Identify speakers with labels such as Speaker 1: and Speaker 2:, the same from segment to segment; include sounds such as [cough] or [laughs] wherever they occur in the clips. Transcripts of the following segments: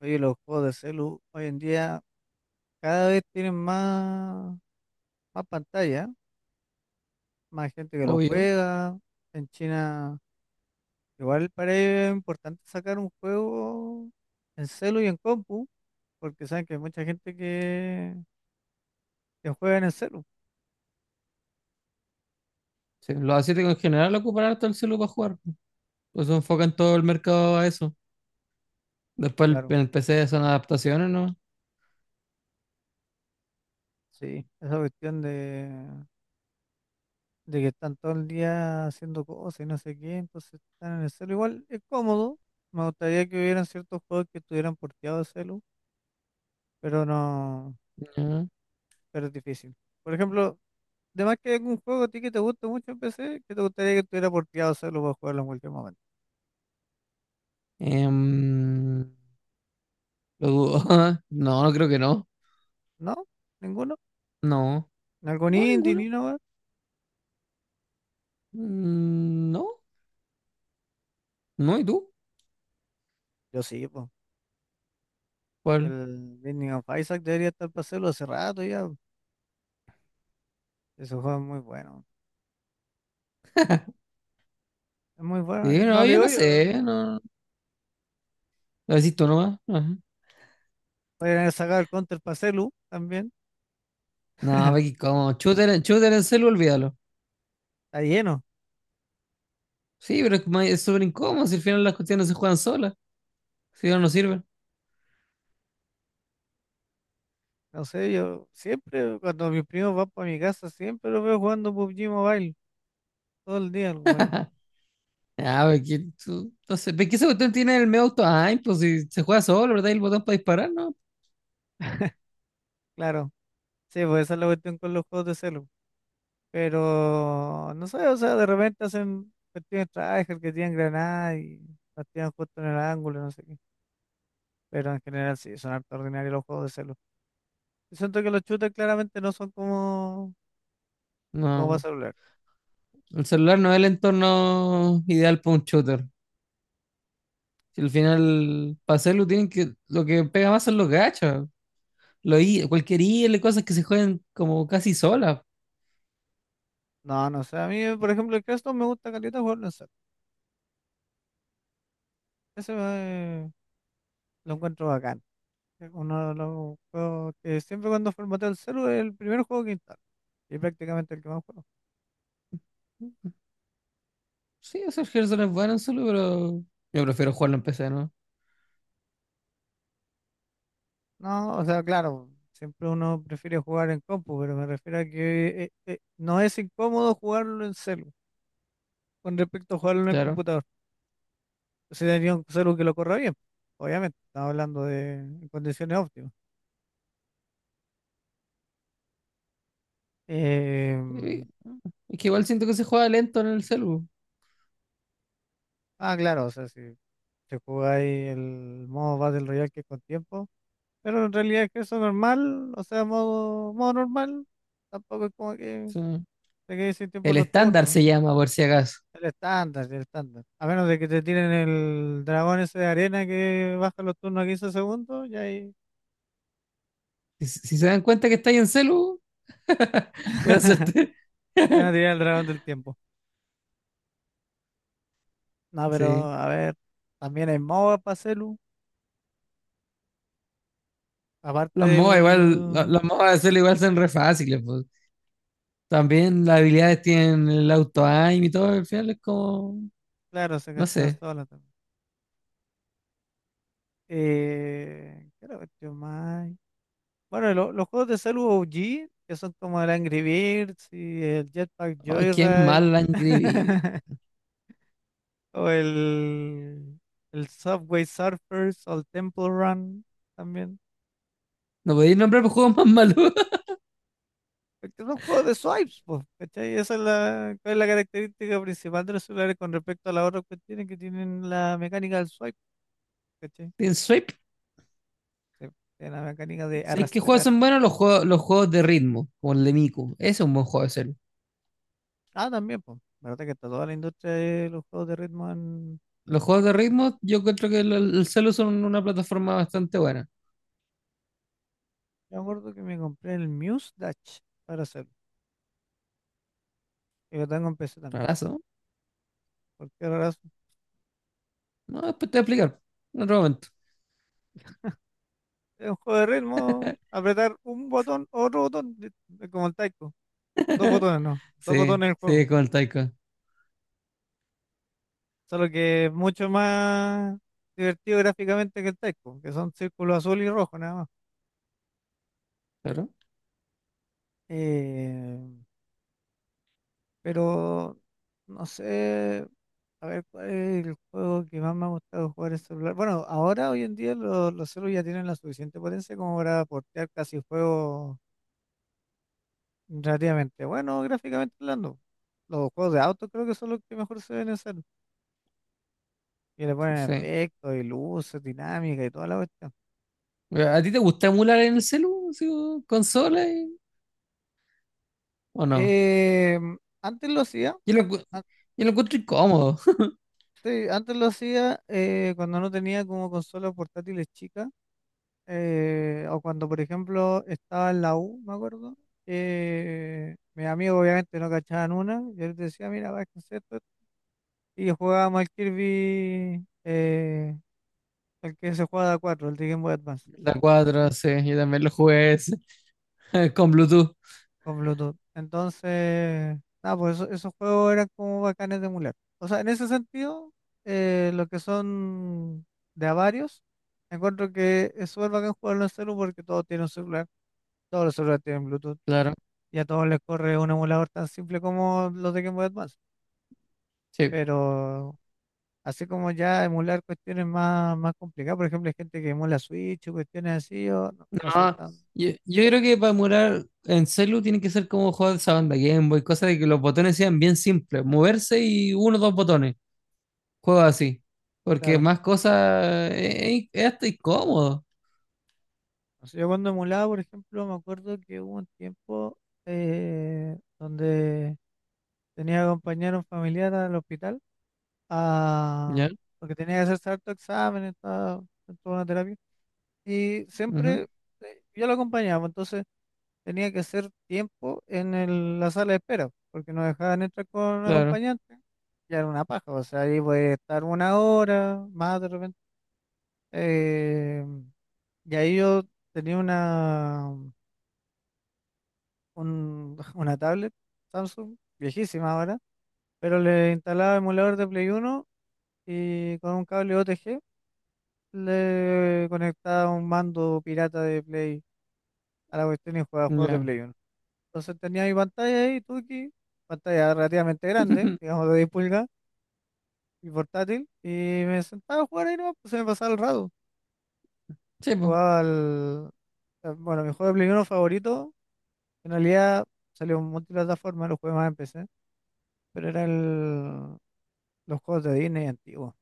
Speaker 1: Oye, los juegos de celu hoy en día cada vez tienen más pantalla, más gente que lo
Speaker 2: Obvio.
Speaker 1: juega. En China, igual para ellos es importante sacar un juego en celu y en compu, porque saben que hay mucha gente que juega en el celu.
Speaker 2: Sí, los asiáticos en general ocupan harto el celu para jugar. Pues se enfocan todo el mercado a eso. Después
Speaker 1: Claro,
Speaker 2: en el PC son adaptaciones, ¿no?
Speaker 1: sí, esa cuestión de que están todo el día haciendo cosas y no sé qué, entonces están en el celu. Igual es cómodo. Me gustaría que hubieran ciertos juegos que estuvieran porteados de celu, pero no.
Speaker 2: Ya.
Speaker 1: Pero es difícil. Por ejemplo, de más que algún juego a ti que te guste mucho en PC, que te gustaría que estuviera porteado solo para jugarlo en cualquier momento.
Speaker 2: Em, lo dudo. [laughs] No, no creo que no.
Speaker 1: ¿No? ¿Ninguno?
Speaker 2: No.
Speaker 1: ¿Algún
Speaker 2: No,
Speaker 1: indie
Speaker 2: ninguno.
Speaker 1: ni nada?
Speaker 2: Mm, no. No, ¿y tú?
Speaker 1: Yo sí, pues.
Speaker 2: ¿Cuál?
Speaker 1: El Binding of Isaac debería estar para hacerlo hace rato ya. Ese juego es muy bueno. Es muy bueno.
Speaker 2: Sí,
Speaker 1: No
Speaker 2: no,
Speaker 1: le
Speaker 2: yo
Speaker 1: digo
Speaker 2: no
Speaker 1: yo.
Speaker 2: sé.
Speaker 1: Mucho.
Speaker 2: No. Lo decís tú nomás. Ajá.
Speaker 1: Podrían haber sacado el Counter para celu también.
Speaker 2: No, Becky,
Speaker 1: [laughs]
Speaker 2: ¿cómo? Shooter, shooter en celu, olvídalo.
Speaker 1: Está lleno.
Speaker 2: Sí, pero es que es súper incómodo. Si al final las cuestiones se juegan solas. Si no, no sirven.
Speaker 1: No sé, yo siempre, cuando mis primos van para mi casa, siempre los veo jugando PUBG Mobile. Todo el día, bueno.
Speaker 2: Ah, ve que tú. Entonces, ve que ese botón tiene el medio auto. Ay, pues si se juega solo, ¿verdad? Y el botón para disparar, ¿no?
Speaker 1: Claro. Sí, pues esa es la cuestión con los juegos de celu. Pero no sé, o sea, de repente hacen cuestiones tryhard que tienen granada y las tiran justo en el ángulo, no sé qué. Pero en general sí, son harto ordinarios los juegos de celu. Yo siento que los shooters claramente no son como, como para
Speaker 2: No.
Speaker 1: celular.
Speaker 2: El celular no es el entorno ideal para un shooter. Si al final, para hacerlo, tienen que. Lo que pega más son los gachas. Cualquier IL, cosas que se juegan como casi solas.
Speaker 1: No, no sé, a mí, por ejemplo, el Crash dos me gusta caleta jugarlo en celu. Ese me- lo encuentro bacán. Es uno de los juegos que siempre cuando formateo el celu es el primer juego que instalo. Y prácticamente el que más juego.
Speaker 2: Sí, o sea, el Hearthstone es bueno en solo, pero. Yo prefiero jugarlo en PC, ¿no?
Speaker 1: No, o sea, claro, siempre uno prefiere jugar en compu, pero me refiero a que no es incómodo jugarlo en celu con respecto a jugarlo en el
Speaker 2: Claro.
Speaker 1: computador. Si tenía un celu que lo corra bien, obviamente, estamos hablando de en condiciones óptimas.
Speaker 2: Y-
Speaker 1: Em,
Speaker 2: es que igual siento que se juega lento en el celu. O
Speaker 1: claro, o sea, si te jugáis el modo Battle Royale que es con tiempo, pero en realidad es que eso normal, o sea, modo normal, tampoco es como que
Speaker 2: sea,
Speaker 1: te quedes sin tiempo
Speaker 2: el
Speaker 1: en los
Speaker 2: estándar
Speaker 1: turnos.
Speaker 2: se llama, por si acaso.
Speaker 1: El estándar. A menos de que te tiren el dragón ese de arena que baja los turnos a 15 segundos, y ahí
Speaker 2: Si se dan cuenta que estáis en celu. [laughs] Buena
Speaker 1: [laughs]
Speaker 2: suerte.
Speaker 1: te van a
Speaker 2: [laughs]
Speaker 1: tirar el dragón del tiempo. No, pero
Speaker 2: Sí.
Speaker 1: a ver, también hay MOBA para celu. Aparte
Speaker 2: Los MOBA igual,
Speaker 1: del.
Speaker 2: los MOBA de hacerlo igual son re fáciles, pues. También las habilidades tienen el auto-aim y todo, al final es como,
Speaker 1: Claro, se
Speaker 2: no
Speaker 1: castean
Speaker 2: sé.
Speaker 1: solas también. ¿Qué otra cuestión más hay? Bueno, los juegos de celu OG, que son como el Angry Birds y el Jetpack
Speaker 2: Ay, qué
Speaker 1: Joyride.
Speaker 2: mal la han vivido.
Speaker 1: [laughs] O el, el Subway Surfers o el Temple Run también.
Speaker 2: No podéis nombrar los juegos más malos. [laughs]
Speaker 1: Porque son juegos de swipes, pues, ¿cachai? Esa es cuál es la característica principal de los celulares con respecto a las otras cuestiones que tienen la mecánica del swipe, ¿cachai?
Speaker 2: Tienen Swipe.
Speaker 1: Sí, tienen la mecánica de
Speaker 2: ¿Sabéis qué juegos
Speaker 1: arrastrar.
Speaker 2: son buenos? Los juegos de ritmo, como el de Miku. Ese es un buen juego de celu.
Speaker 1: Ah, también, pues, la verdad que está toda la industria de los juegos de ritmo en...
Speaker 2: Los juegos de ritmo, yo creo que el celu son una plataforma bastante buena.
Speaker 1: Yo me acuerdo que me compré el Muse Dash para hacerlo. Y lo tengo en PC también.
Speaker 2: Rarazo.
Speaker 1: ¿Por qué razón?
Speaker 2: No, no, después te voy a explicar. En otro momento.
Speaker 1: Es un juego de ritmo, apretar un botón, otro botón, es como el taiko. Dos botones, no. Dos
Speaker 2: Sí,
Speaker 1: botones en el juego.
Speaker 2: sí, con el Taika.
Speaker 1: Solo que es mucho más divertido gráficamente que el Taiko, que son círculos azul y rojo nada más.
Speaker 2: Pero.
Speaker 1: Eh, pero no sé, a ver cuál es el juego que más me ha gustado jugar en celular. Bueno, ahora hoy en día los celulares ya tienen la suficiente potencia como para portear casi juegos relativamente buenos gráficamente hablando. Los juegos de auto creo que son los que mejor se ven en celu. Y le ponen
Speaker 2: Sí.
Speaker 1: efectos y luces, dinámica y toda la cuestión.
Speaker 2: ¿A ti te gusta emular en el celu, así, o consola o no?
Speaker 1: Eh, antes lo hacía,
Speaker 2: Yo lo, encu- yo lo encuentro incómodo. [laughs]
Speaker 1: antes lo hacía cuando no tenía como consolas portátiles chicas, o cuando por ejemplo estaba en la U, me acuerdo, mis amigos obviamente no cachaban una, yo les decía, mira, va a esto, y jugábamos al Kirby, el que se juega de a 4, el de Game Boy Advance,
Speaker 2: La 4,
Speaker 1: ¿cachai?
Speaker 2: sí, yo también lo jugué ese, [laughs] con Bluetooth,
Speaker 1: Con Bluetooth. Entonces, nada, pues esos juegos eran como bacanes de emular. O sea, en ese sentido, lo que son de a varios, encuentro que es súper bacán jugarlo en celu porque todos tienen un celular, todos los celulares tienen Bluetooth
Speaker 2: claro.
Speaker 1: y a todos les corre un emulador tan simple como los de Game Boy Advance.
Speaker 2: Sí,
Speaker 1: Pero así como ya emular cuestiones más complicadas, por ejemplo, hay gente que emula Switch o cuestiones así, yo no soy
Speaker 2: no,
Speaker 1: tan
Speaker 2: yo creo que para emular en celu tiene que ser como juegos de esa banda Game Boy, cosas de que los botones sean bien simples, moverse y uno o dos botones, juegos así. Porque
Speaker 1: claro.
Speaker 2: más cosas es hasta incómodo,
Speaker 1: No sé, yo cuando emulaba, por ejemplo, me acuerdo que hubo un tiempo donde tenía que acompañar a un familiar al hospital a-
Speaker 2: ¿ya?
Speaker 1: porque tenía que hacerse harto examen, estaba en toda una terapia. Y
Speaker 2: Ujú,
Speaker 1: siempre yo lo acompañaba, entonces tenía que hacer tiempo en la sala de espera, porque no dejaban entrar con un
Speaker 2: claro,
Speaker 1: acompañante. Ya era una paja, o sea, ahí voy a estar 1 hora más de repente. eh, y ahí yo tenía una. [laughs] Una tablet Samsung, viejísima ahora, pero le instalaba emulador de Play Uno y con un cable OTG le conectaba un mando pirata de Play a la cuestión y jugaba juegos de
Speaker 2: ya.
Speaker 1: Play Uno. Entonces tenía mi pantalla ahí, Tuki, pantalla relativamente grande,
Speaker 2: [laughs]
Speaker 1: digamos de 10 pulgadas y portátil, y me sentaba a jugar ahí no, pues se me pasaba el rato.
Speaker 2: Sí, pues,
Speaker 1: Jugaba al... bueno, mi juego de Play Uno favorito, en realidad salió en multiplataforma, lo jugué más en PC, pero era el... los juegos de Disney antiguos,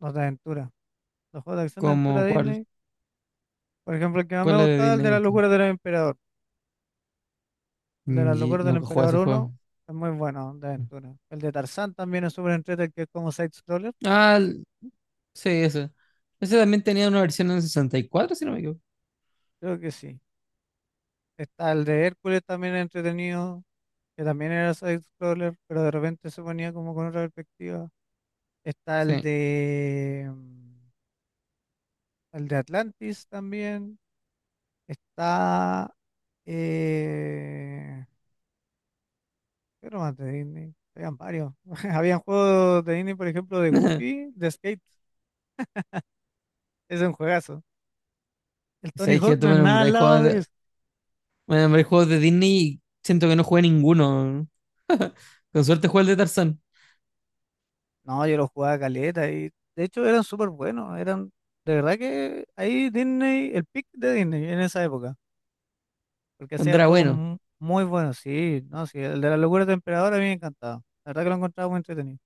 Speaker 1: los de aventura. Los juegos de acción de aventura
Speaker 2: como
Speaker 1: de
Speaker 2: cuál,
Speaker 1: Disney, por ejemplo, el que más me
Speaker 2: ¿cuál es de
Speaker 1: gustaba, el
Speaker 2: Disney
Speaker 1: de la
Speaker 2: antiguo?
Speaker 1: locura del emperador. El de la
Speaker 2: Y
Speaker 1: locura del
Speaker 2: nunca jugué
Speaker 1: emperador
Speaker 2: ese juego.
Speaker 1: uno es muy bueno, de aventura. El de Tarzán también es súper entretenido, que es como side-scroller,
Speaker 2: Ah, sí, ese. Ese también tenía una versión en 64, si no me equivoco.
Speaker 1: creo que sí. Está el de Hércules también entretenido, que también era side-scroller, pero de repente se ponía como con otra perspectiva. Está el
Speaker 2: Sí.
Speaker 1: de, el de Atlantis también. Está... eh, ¿Qué nomás de Disney? Habían varios. [laughs] Habían juegos de Disney, por ejemplo, de
Speaker 2: [laughs]
Speaker 1: Goofy, de Skate. Es un juegazo. El Tony
Speaker 2: Sabes que
Speaker 1: Hawk
Speaker 2: tú
Speaker 1: no es
Speaker 2: me
Speaker 1: nada al
Speaker 2: nombráis
Speaker 1: lado
Speaker 2: juegos
Speaker 1: de
Speaker 2: de,
Speaker 1: eso.
Speaker 2: me nombráis juegos de Disney y siento que no jugué ninguno. [laughs] Con suerte jugué el de Tarzán,
Speaker 1: No, yo lo jugaba caleta y de hecho eran súper buenos. De verdad que ahí Disney, el pick de Disney en esa época. Porque
Speaker 2: cuando
Speaker 1: hacía
Speaker 2: era
Speaker 1: juegos
Speaker 2: bueno.
Speaker 1: muy buenos, sí, no, sí. El de la locura del emperador a mí me encantaba. La verdad que lo encontraba muy entretenido.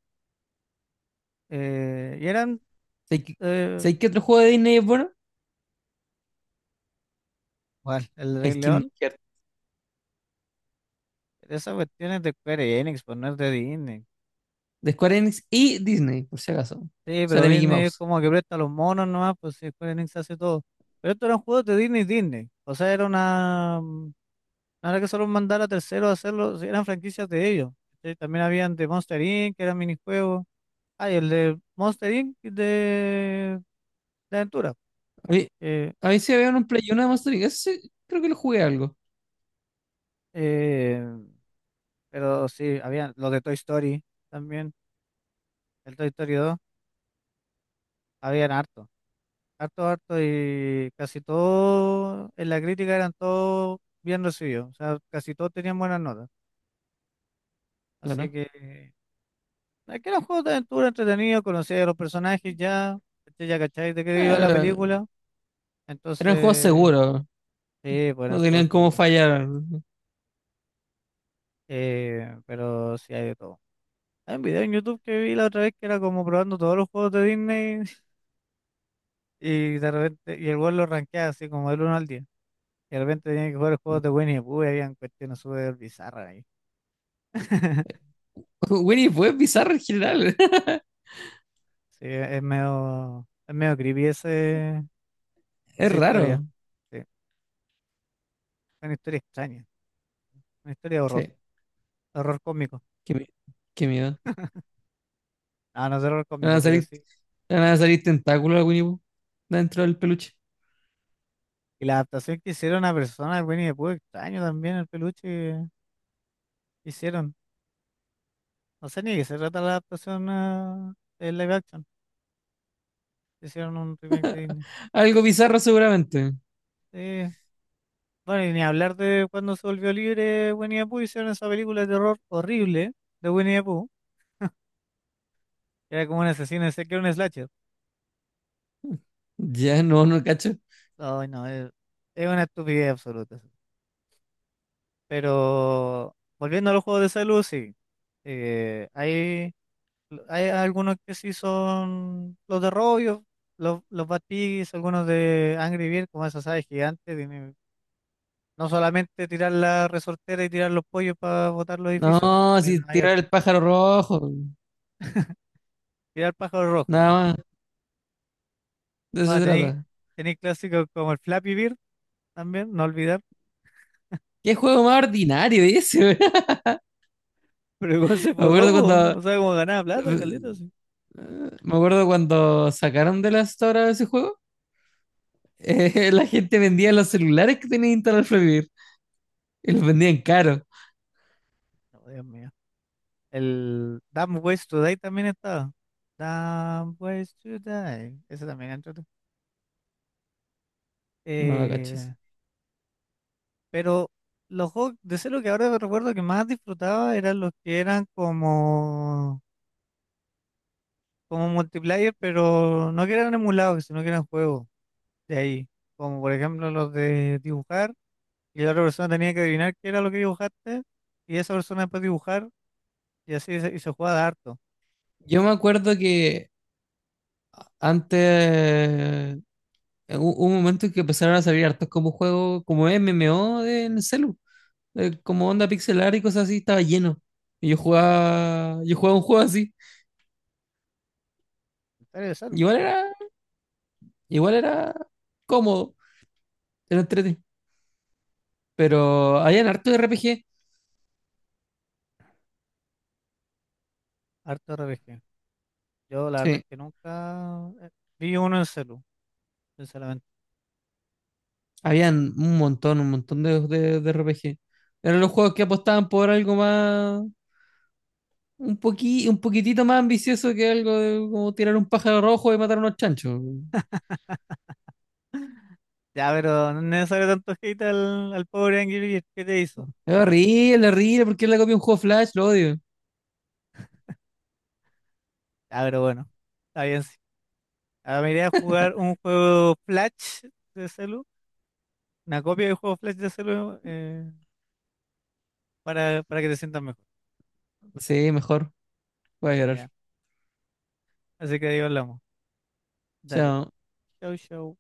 Speaker 1: Eh, y eran,
Speaker 2: ¿Sabes qué,
Speaker 1: eh,
Speaker 2: sabes qué otro juego de Disney es bueno?
Speaker 1: bueno, el Rey
Speaker 2: El Kingdom
Speaker 1: León,
Speaker 2: Hearts.
Speaker 1: esas cuestiones de Square Enix, pues no es de Disney.
Speaker 2: De Square Enix y Disney, por si acaso.
Speaker 1: Sí, pero
Speaker 2: Sale Mickey
Speaker 1: Disney es
Speaker 2: Mouse.
Speaker 1: como que presta los monos nomás, pues si Square Enix hace todo. Pero estos eran juegos de Disney Disney. O sea, era una... no era que solo mandara a terceros a hacerlo, sí, eran franquicias de ellos. ¿Cachai? También habían de Monster Inc., que eran minijuegos. Ah, y el de Monster Inc. De aventura.
Speaker 2: A mí,
Speaker 1: que,
Speaker 2: a mí sí había un Play uno de Monster Inc. Ese sí, creo que lo jugué algo.
Speaker 1: eh, pero sí, habían los de Toy Story también, el Toy Story 2, habían harto. Harto, harto y casi todo en la crítica eran todos bien recibidos. O sea, casi todos tenían buenas notas. Así
Speaker 2: Claro.
Speaker 1: que aquí era un juego de aventura entretenido, conocía a los personajes ya, ¿cachai? Ya cacháis de qué iba la
Speaker 2: Era-
Speaker 1: película,
Speaker 2: eran juegos
Speaker 1: entonces
Speaker 2: seguros.
Speaker 1: sí, bueno,
Speaker 2: No
Speaker 1: estuvo
Speaker 2: tenían cómo
Speaker 1: seguro.
Speaker 2: fallar.
Speaker 1: Pero sí hay de todo. Hay un video en YouTube que vi la otra vez que era como probando todos los juegos de Disney [laughs] y de repente, y el weón lo rankeaba así como del uno al 10. Y de repente tenía que jugar juegos de
Speaker 2: [laughs]
Speaker 1: Winnie the Pooh y habían cuestiones súper bizarras ahí. [laughs]
Speaker 2: Winnie fue bizarro en general. [laughs]
Speaker 1: Sí, es medio creepy ese,
Speaker 2: Es
Speaker 1: esa historia.
Speaker 2: raro.
Speaker 1: Sí. Es una historia extraña, una historia de horror,
Speaker 2: Sí,
Speaker 1: horror cósmico.
Speaker 2: qué, mi- qué miedo.
Speaker 1: No, no es terror
Speaker 2: Le Van a
Speaker 1: cósmico, pero
Speaker 2: salir,
Speaker 1: sí.
Speaker 2: le van a salir tentáculos a Winnie Pooh dentro del peluche.
Speaker 1: Y la adaptación que hicieron a personas de Winnie the Pooh, extraño también el peluche que hicieron. No sé ni de qué se trata la adaptación a de live action. Hicieron un remake de Disney.
Speaker 2: Algo bizarro seguramente.
Speaker 1: Sí. Bueno, y ni hablar de cuando se volvió libre Winnie the Pooh, hicieron esa película de terror horrible de Winnie the Pooh, que era como un asesino, sé que era un slasher.
Speaker 2: Ya [laughs] no cacho.
Speaker 1: Ay, no, es una estupidez absoluta. Sí. Pero volviendo a los juegos de salud, sí. Ahí hay algunos que sí son los de Robio, los Bad Piggies, algunos de Angry Birds, como esas aves gigantes. No solamente tirar la resortera y tirar los pollos para botar los edificios,
Speaker 2: No,
Speaker 1: también
Speaker 2: si
Speaker 1: hay harto.
Speaker 2: tirar el pájaro rojo.
Speaker 1: Tirar pájaros rojos
Speaker 2: Nada
Speaker 1: nomás.
Speaker 2: más. De eso
Speaker 1: Ah,
Speaker 2: se trata.
Speaker 1: tenéis clásicos como el Flappy Bird también, no olvidar. [laughs]
Speaker 2: ¿Qué juego más ordinario ese, weón?
Speaker 1: Pero igual se
Speaker 2: [laughs] Me
Speaker 1: borró,
Speaker 2: acuerdo
Speaker 1: po.
Speaker 2: cuando,
Speaker 1: O sea, como ganaba plata, caleta, sí.
Speaker 2: me acuerdo cuando sacaron de la store ese juego. [laughs] La gente vendía los celulares que tenía instalado Flappy Bird y los vendían caro.
Speaker 1: No, Dios mío. El Dumb Ways to Die también estaba. Dumb Ways to Die, ese también entró.
Speaker 2: No, no cacho eso.
Speaker 1: Pero los juegos de celo que ahora recuerdo que más disfrutaba eran los que eran como, como multiplayer, pero no que eran emulados, sino que eran juegos de ahí. Como por ejemplo los de dibujar, y la otra persona tenía que adivinar qué era lo que dibujaste, y esa persona después dibujar, y así y se jugaba de harto.
Speaker 2: Yo me acuerdo que antes, hubo un momento en que empezaron a salir hartos como juegos, como MMO en el celu, como onda pixelar y cosas así, estaba lleno. Y yo jugaba un juego así.
Speaker 1: En de celu,
Speaker 2: Igual era, igual era cómodo, era entretenido. Pero habían hartos de RPG,
Speaker 1: harto RPG. Yo la verdad es
Speaker 2: sí,
Speaker 1: que nunca vi uno en celu, sinceramente.
Speaker 2: habían un montón de RPG. Eran los juegos que apostaban por algo más, un poquitito más ambicioso que algo de como tirar un pájaro rojo y matar unos chanchos.
Speaker 1: [laughs] Ya, pero no es necesario tanto hate al pobre Angry Birds, ¿qué te hizo?
Speaker 2: Es horrible, horrible. ¿Por qué le copia un juego Flash? Lo odio.
Speaker 1: Ya, pero bueno. Está bien, ah, me iré a jugar un juego Flash de celu, una copia de juego Flash de celu para que te sientas mejor.
Speaker 2: Sí, mejor. Voy a llorar.
Speaker 1: Ya. Así que ahí hablamos. Dale.
Speaker 2: Chao.
Speaker 1: Chau, chau.